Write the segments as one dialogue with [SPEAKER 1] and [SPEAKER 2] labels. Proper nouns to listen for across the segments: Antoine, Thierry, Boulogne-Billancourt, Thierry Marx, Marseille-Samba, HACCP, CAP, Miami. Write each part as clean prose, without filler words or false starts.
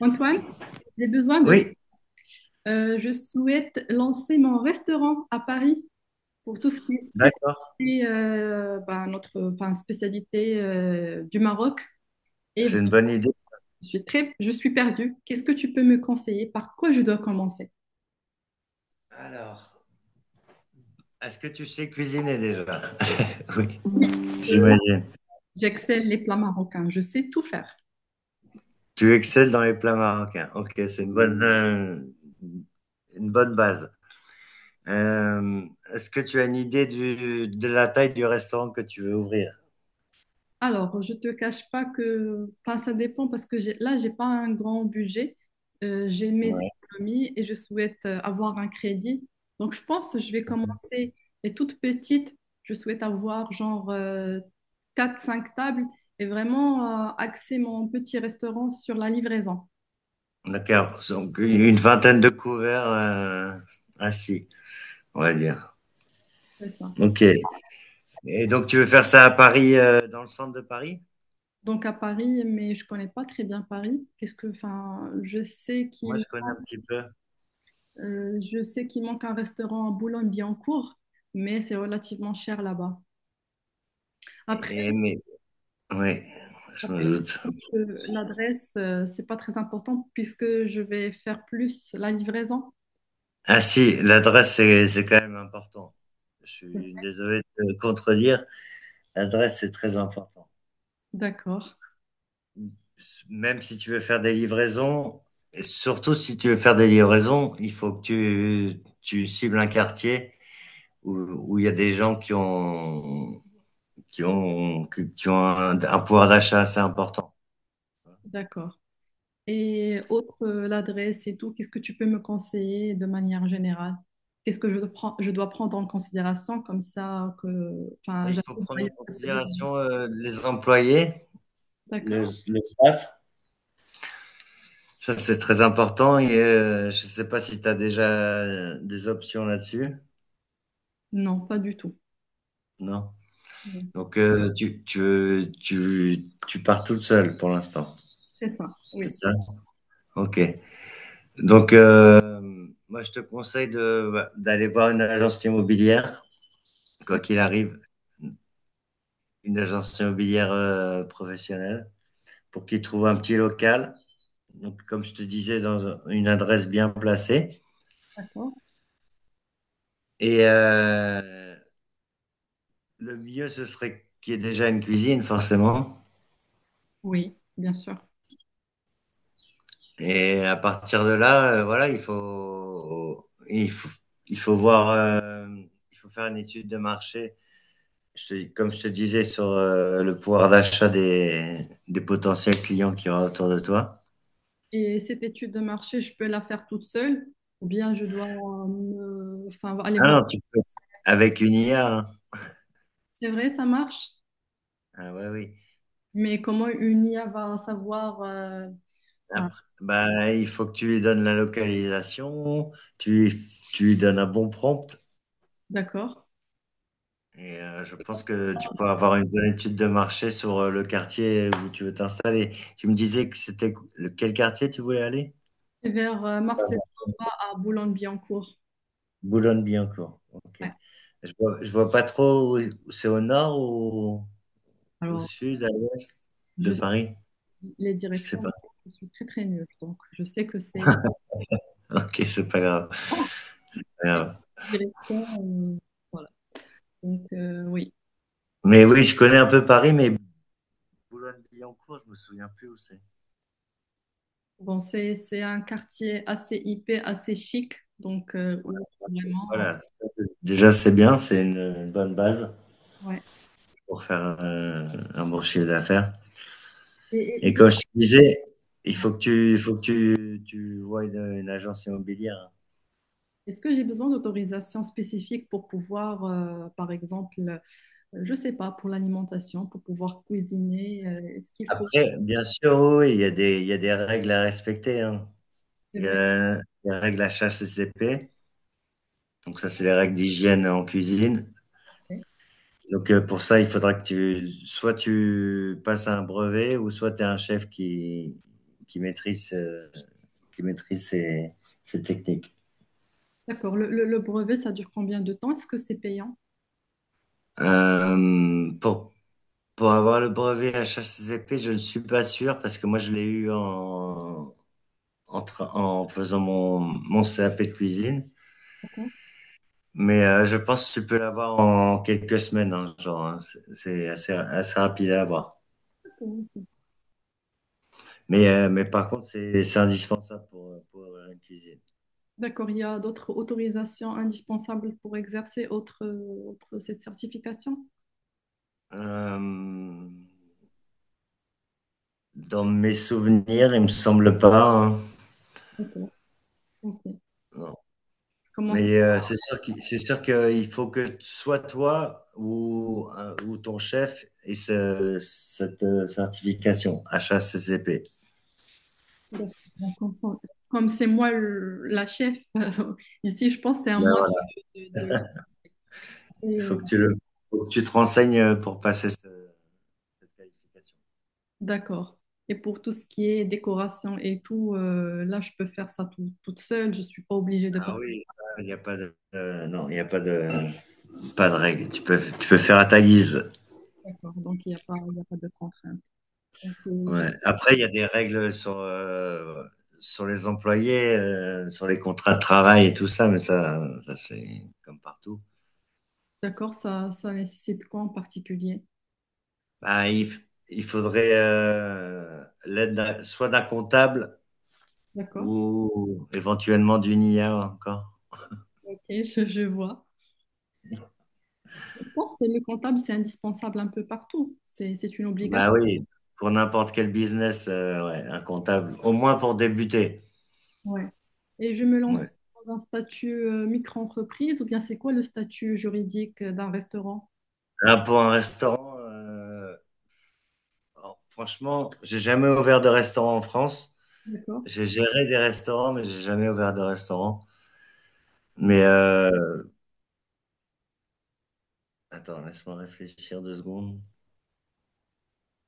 [SPEAKER 1] Antoine, j'ai besoin de toi.
[SPEAKER 2] Oui,
[SPEAKER 1] Je souhaite lancer mon restaurant à Paris pour tout ce qui est
[SPEAKER 2] d'accord,
[SPEAKER 1] spécialité, ben, notre, enfin, spécialité du Maroc. Et
[SPEAKER 2] c'est une
[SPEAKER 1] bon,
[SPEAKER 2] bonne idée.
[SPEAKER 1] je suis perdue. Qu'est-ce que tu peux me conseiller? Par quoi je dois commencer?
[SPEAKER 2] Alors, est-ce que tu sais cuisiner déjà? Oui,
[SPEAKER 1] Oui, euh,
[SPEAKER 2] j'imagine.
[SPEAKER 1] j'excelle les plats marocains. Je sais tout faire.
[SPEAKER 2] Tu excelles dans les plats marocains. Ok, c'est une bonne base. Euh, est-ce que tu as une idée du, de la taille du restaurant que tu veux ouvrir?
[SPEAKER 1] Alors, je te cache pas que, enfin, ça dépend parce que j'ai pas un grand budget. J'ai mes
[SPEAKER 2] Ouais.
[SPEAKER 1] économies et je souhaite avoir un crédit. Donc, je pense que je vais commencer. Et toute petite, je souhaite avoir genre quatre, cinq tables et vraiment axer mon petit restaurant sur la livraison.
[SPEAKER 2] D'accord, donc une vingtaine de couverts assis, on va dire.
[SPEAKER 1] C'est ça.
[SPEAKER 2] Ok. Et donc tu veux faire ça à Paris, dans le centre de Paris?
[SPEAKER 1] Donc, à Paris, mais je connais pas très bien Paris. Qu'est-ce que, enfin, je sais
[SPEAKER 2] Moi,
[SPEAKER 1] qu'il
[SPEAKER 2] je connais un petit peu.
[SPEAKER 1] Euh, je sais qu'il manque un restaurant à Boulogne-Billancourt, mais c'est relativement cher là-bas. Après,
[SPEAKER 2] Et, mais, oui, je me doute.
[SPEAKER 1] l'adresse, c'est pas très important puisque je vais faire plus la livraison.
[SPEAKER 2] Ah si, l'adresse, c'est quand même important. Je suis désolé de te contredire, l'adresse, c'est très important.
[SPEAKER 1] D'accord,
[SPEAKER 2] Même si tu veux faire des livraisons, et surtout si tu veux faire des livraisons, il faut que tu cibles un quartier où, où il y a des gens qui ont, qui ont, qui ont un pouvoir d'achat assez important.
[SPEAKER 1] d'accord. Et autre, l'adresse et tout, qu'est-ce que tu peux me conseiller de manière générale? Qu'est-ce que je dois prendre en considération comme ça que, enfin,
[SPEAKER 2] Mais il faut
[SPEAKER 1] j'arrive à
[SPEAKER 2] prendre
[SPEAKER 1] y
[SPEAKER 2] en
[SPEAKER 1] aller.
[SPEAKER 2] considération les employés, le,
[SPEAKER 1] D'accord?
[SPEAKER 2] le staff. Ça, c'est très important et je sais pas si tu as déjà des options là-dessus.
[SPEAKER 1] Non, pas du tout.
[SPEAKER 2] Non.
[SPEAKER 1] Non.
[SPEAKER 2] Donc, tu pars toute seule pour l'instant.
[SPEAKER 1] C'est ça,
[SPEAKER 2] C'est
[SPEAKER 1] oui.
[SPEAKER 2] ça? OK. Donc, moi, je te conseille de, bah, d'aller voir une agence immobilière, quoi qu'il arrive, une agence immobilière professionnelle, pour qu'ils trouvent un petit local. Donc, comme je te disais, dans une adresse bien placée.
[SPEAKER 1] D'accord?
[SPEAKER 2] Et, le mieux, ce serait qu'il y ait déjà une cuisine, forcément.
[SPEAKER 1] Oui, bien sûr.
[SPEAKER 2] Et à partir de là, voilà, il faut voir, il faut faire une étude de marché. Comme je te disais sur le pouvoir d'achat des potentiels clients qu'il y aura autour de toi.
[SPEAKER 1] Et cette étude de marché, je peux la faire toute seule ou bien je dois enfin, aller
[SPEAKER 2] Ah
[SPEAKER 1] voir.
[SPEAKER 2] non, tu peux, avec une IA, hein.
[SPEAKER 1] C'est vrai, ça marche,
[SPEAKER 2] Ah ouais, oui.
[SPEAKER 1] mais comment une IA va savoir enfin,
[SPEAKER 2] Après, bah, il faut que tu lui donnes la localisation, tu lui donnes un bon prompt.
[SPEAKER 1] d'accord.
[SPEAKER 2] Et je pense que tu peux avoir une bonne étude de marché sur le quartier où tu veux t'installer. Tu me disais que c'était quel quartier tu voulais aller?
[SPEAKER 1] C'est vers
[SPEAKER 2] Pardon.
[SPEAKER 1] Marseille-Samba à Boulogne-Billancourt.
[SPEAKER 2] Boulogne-Billancourt. Ok.
[SPEAKER 1] Ouais.
[SPEAKER 2] Je vois pas trop où, où c'est au nord ou au
[SPEAKER 1] Alors,
[SPEAKER 2] sud, à l'ouest de
[SPEAKER 1] je sais
[SPEAKER 2] Paris.
[SPEAKER 1] les
[SPEAKER 2] Je
[SPEAKER 1] directions,
[SPEAKER 2] sais pas.
[SPEAKER 1] vraiment, je suis très très nulle. Donc, je sais que c'est
[SPEAKER 2] Ok, c'est pas grave.
[SPEAKER 1] oh,
[SPEAKER 2] Pas
[SPEAKER 1] les
[SPEAKER 2] grave.
[SPEAKER 1] directions. euh, voilà. Donc, oui.
[SPEAKER 2] Mais oui, je connais un peu Paris, mais Boulogne-Billancourt, je me souviens plus où c'est.
[SPEAKER 1] Bon, c'est un quartier assez hippé, assez chic. Donc,
[SPEAKER 2] Voilà.
[SPEAKER 1] où vraiment.
[SPEAKER 2] Voilà. Ça, déjà, c'est bien, c'est une bonne base
[SPEAKER 1] Ouais.
[SPEAKER 2] pour faire un bon chiffre d'affaires.
[SPEAKER 1] Et, et-
[SPEAKER 2] Et
[SPEAKER 1] et-
[SPEAKER 2] comme je te disais, il faut que tu voies une agence immobilière, hein.
[SPEAKER 1] est-ce que j'ai besoin d'autorisation spécifique pour pouvoir, par exemple, je ne sais pas, pour l'alimentation, pour pouvoir cuisiner, est-ce qu'il faut,
[SPEAKER 2] Après, bien sûr, oui, oui, il y a des règles à respecter, hein.
[SPEAKER 1] c'est
[SPEAKER 2] Il y
[SPEAKER 1] vrai,
[SPEAKER 2] a les règles HACCP, donc
[SPEAKER 1] ça,
[SPEAKER 2] ça, c'est les règles d'hygiène en cuisine.
[SPEAKER 1] ouais.
[SPEAKER 2] Donc pour ça, il faudra que tu soit tu passes un brevet ou soit tu as un chef qui maîtrise, qui maîtrise ces techniques.
[SPEAKER 1] D'accord. Le brevet, ça dure combien de temps? Est-ce que c'est payant?
[SPEAKER 2] Hem, pour avoir le brevet HACCP, je ne suis pas sûr parce que moi je l'ai eu en faisant mon CAP de cuisine.
[SPEAKER 1] Par contre
[SPEAKER 2] Mais je pense que tu peux l'avoir en quelques semaines, hein, genre, hein. C'est c'est assez, assez rapide à avoir.
[SPEAKER 1] ou-
[SPEAKER 2] Mais par contre, c'est indispensable pour avoir une cuisine.
[SPEAKER 1] d'accord. Il y a d'autres autorisations indispensables pour exercer cette certification?
[SPEAKER 2] Euh, dans mes souvenirs, il me semble pas.
[SPEAKER 1] D'accord. Ok. Je
[SPEAKER 2] Hein.
[SPEAKER 1] commence.
[SPEAKER 2] Mais c'est sûr c'est sûr qu'il faut que soit toi ou ton chef ait cette certification HACCP.
[SPEAKER 1] D'accord. Bon, comme c'est moi la chef, ici, je pense que c'est à
[SPEAKER 2] Ben
[SPEAKER 1] moi
[SPEAKER 2] ouais,
[SPEAKER 1] de
[SPEAKER 2] Il faut
[SPEAKER 1] lancer.
[SPEAKER 2] que tu le, faut que tu te renseignes pour passer cette qualification.
[SPEAKER 1] D'accord. Et pour tout ce qui est décoration et tout, là, je peux faire ça toute seule. Je ne suis pas obligée de
[SPEAKER 2] Ah
[SPEAKER 1] passer.
[SPEAKER 2] oui, il n'y a pas de, non, il n'y a pas de, pas de règles. Tu peux faire à ta guise.
[SPEAKER 1] D'accord. Donc, il n'y a pas, il y a pas de contrainte. Donc.
[SPEAKER 2] Ouais. Après, il y a des règles sur, sur les employés, sur les contrats de travail et tout ça, mais ça c'est comme partout.
[SPEAKER 1] D'accord, ça nécessite quoi en particulier?
[SPEAKER 2] Ben, il, f- il faudrait l'aide soit d'un comptable
[SPEAKER 1] D'accord.
[SPEAKER 2] ou éventuellement d'une IA encore.
[SPEAKER 1] Ok, je vois. Je pense que le comptable, c'est indispensable un peu partout. C'est une
[SPEAKER 2] Bah
[SPEAKER 1] obligation.
[SPEAKER 2] oui, pour n'importe quel business, ouais, un comptable, au moins pour débuter.
[SPEAKER 1] Ouais. Et je me lance
[SPEAKER 2] Ouais.
[SPEAKER 1] dans un statut micro-entreprise ou bien c'est quoi le statut juridique d'un restaurant?
[SPEAKER 2] Là, pour un restaurant, alors, franchement, j'ai jamais ouvert de restaurant en France.
[SPEAKER 1] D'accord.
[SPEAKER 2] J'ai géré des restaurants, mais j'ai jamais ouvert de restaurant. Mais attends, laisse-moi réfléchir 2 secondes.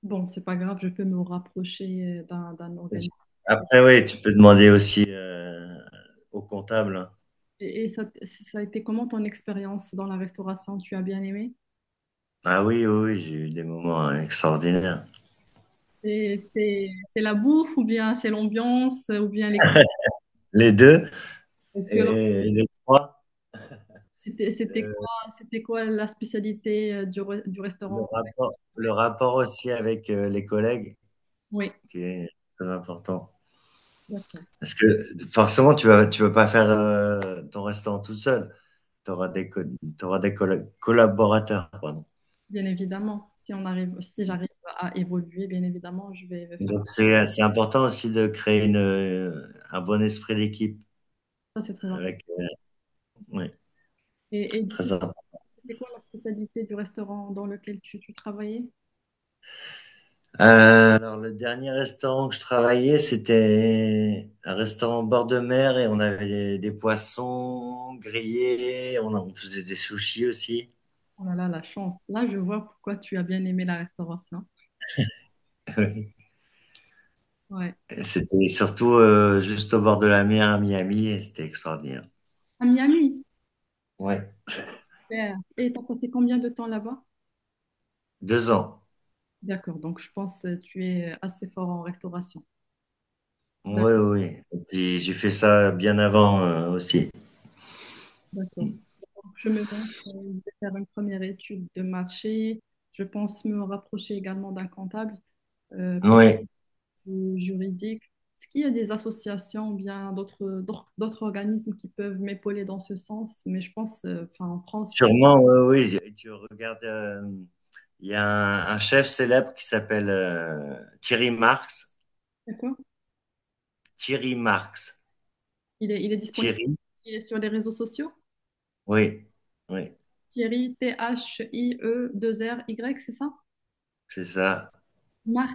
[SPEAKER 1] Bon, c'est pas grave, je peux me rapprocher d'un organisme.
[SPEAKER 2] Après, oui, tu peux demander aussi au comptable, hein.
[SPEAKER 1] Et ça, ça a été comment ton expérience dans la restauration? Tu as bien aimé?
[SPEAKER 2] Ah oui, oui, oui, j'ai eu des moments extraordinaires.
[SPEAKER 1] C'est la bouffe ou bien c'est l'ambiance ou bien les collègues?
[SPEAKER 2] Les deux
[SPEAKER 1] Est-ce que là,
[SPEAKER 2] et les trois.
[SPEAKER 1] c'était, c'était
[SPEAKER 2] euh,
[SPEAKER 1] quoi, c'était quoi la spécialité du restaurant?
[SPEAKER 2] le rapport aussi avec les collègues
[SPEAKER 1] Oui,
[SPEAKER 2] qui est très important.
[SPEAKER 1] d'accord.
[SPEAKER 2] Parce que forcément, tu vas pas faire ton restaurant tout seul. Tu auras des, co- t'auras des collaborateurs, pardon.
[SPEAKER 1] Bien évidemment, si on arrive, si j'arrive à évoluer, bien évidemment, je vais faire
[SPEAKER 2] Donc c'est important aussi de créer une, un bon esprit d'équipe
[SPEAKER 1] ça, c'est très important.
[SPEAKER 2] avec. Oui,
[SPEAKER 1] Et du coup,
[SPEAKER 2] très important.
[SPEAKER 1] c'était quoi la spécialité du restaurant dans lequel tu travaillais?
[SPEAKER 2] Alors, le dernier restaurant que je travaillais, c'était un restaurant au bord de mer et on avait des poissons grillés, on faisait des sushis aussi.
[SPEAKER 1] Oh là là, la chance. Là, je vois pourquoi tu as bien aimé la restauration.
[SPEAKER 2] Oui.
[SPEAKER 1] Ouais.
[SPEAKER 2] Et c'était surtout juste au bord de la mer à Miami et c'était extraordinaire.
[SPEAKER 1] À Miami.
[SPEAKER 2] Ouais,
[SPEAKER 1] Super. Et t'as passé combien de temps là-bas?
[SPEAKER 2] 2 ans.
[SPEAKER 1] D'accord, donc je pense que tu es assez fort en restauration.
[SPEAKER 2] Oui,
[SPEAKER 1] D'ac-
[SPEAKER 2] oui. Et puis j'ai fait ça bien avant aussi.
[SPEAKER 1] D'accord. Donc, je me lance, je vais faire une première étude de marché. Je pense me rapprocher également d'un comptable pour
[SPEAKER 2] Oui,
[SPEAKER 1] le juridique. Est-ce qu'il y a des associations ou bien d'autres organismes qui peuvent m'épauler dans ce sens? Mais je pense, enfin, en France,
[SPEAKER 2] sûrement, oui, oui. Et tu regardes, il y a un chef célèbre qui s'appelle Thierry Marx.
[SPEAKER 1] d'accord,
[SPEAKER 2] Thierry Marx.
[SPEAKER 1] il est disponible,
[SPEAKER 2] Thierry,
[SPEAKER 1] il est sur les réseaux sociaux.
[SPEAKER 2] oui, oui,
[SPEAKER 1] Thierry, T-H-I-E-2-R-Y, c'est ça?
[SPEAKER 2] c'est ça.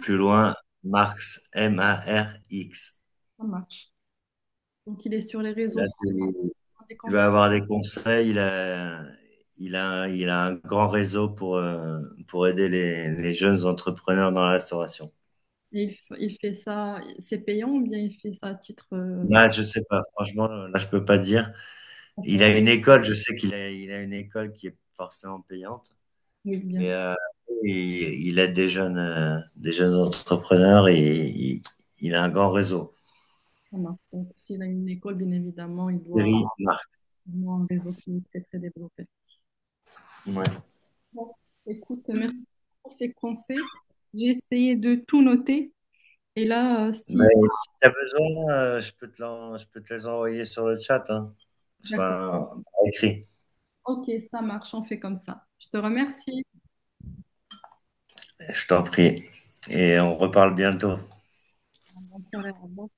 [SPEAKER 2] Plus loin, Marx, Marx.
[SPEAKER 1] ça marche. Donc, il est sur les réseaux
[SPEAKER 2] Là,
[SPEAKER 1] sociaux des
[SPEAKER 2] tu vas
[SPEAKER 1] conférences.
[SPEAKER 2] avoir des conseils. Il a un grand réseau pour aider les jeunes entrepreneurs dans la restauration.
[SPEAKER 1] Et il fait ça, c'est payant ou bien il fait ça à titre
[SPEAKER 2] Là, je sais pas. Franchement, là, je peux pas dire. Il a
[SPEAKER 1] emploi?
[SPEAKER 2] une école. Je sais il a une école qui est forcément payante,
[SPEAKER 1] Oui, bien
[SPEAKER 2] mais
[SPEAKER 1] sûr,
[SPEAKER 2] il, il aide des jeunes entrepreneurs et il a un grand réseau.
[SPEAKER 1] ça marche. Donc, s'il a une école, bien évidemment, il doit
[SPEAKER 2] Thierry, Marx.
[SPEAKER 1] avoir un réseau qui est très, très développé.
[SPEAKER 2] Ouais.
[SPEAKER 1] Bon, écoute, merci pour ces conseils. J'ai essayé de tout noter. Et là, si,
[SPEAKER 2] Ben, si tu as besoin, je peux je peux te les envoyer sur le chat, hein.
[SPEAKER 1] d'accord.
[SPEAKER 2] Enfin, par écrit,
[SPEAKER 1] Ok, ça marche, on fait comme ça. Je te remercie.
[SPEAKER 2] je t'en prie. Et on reparle bientôt.
[SPEAKER 1] Bonne soirée. Au revoir.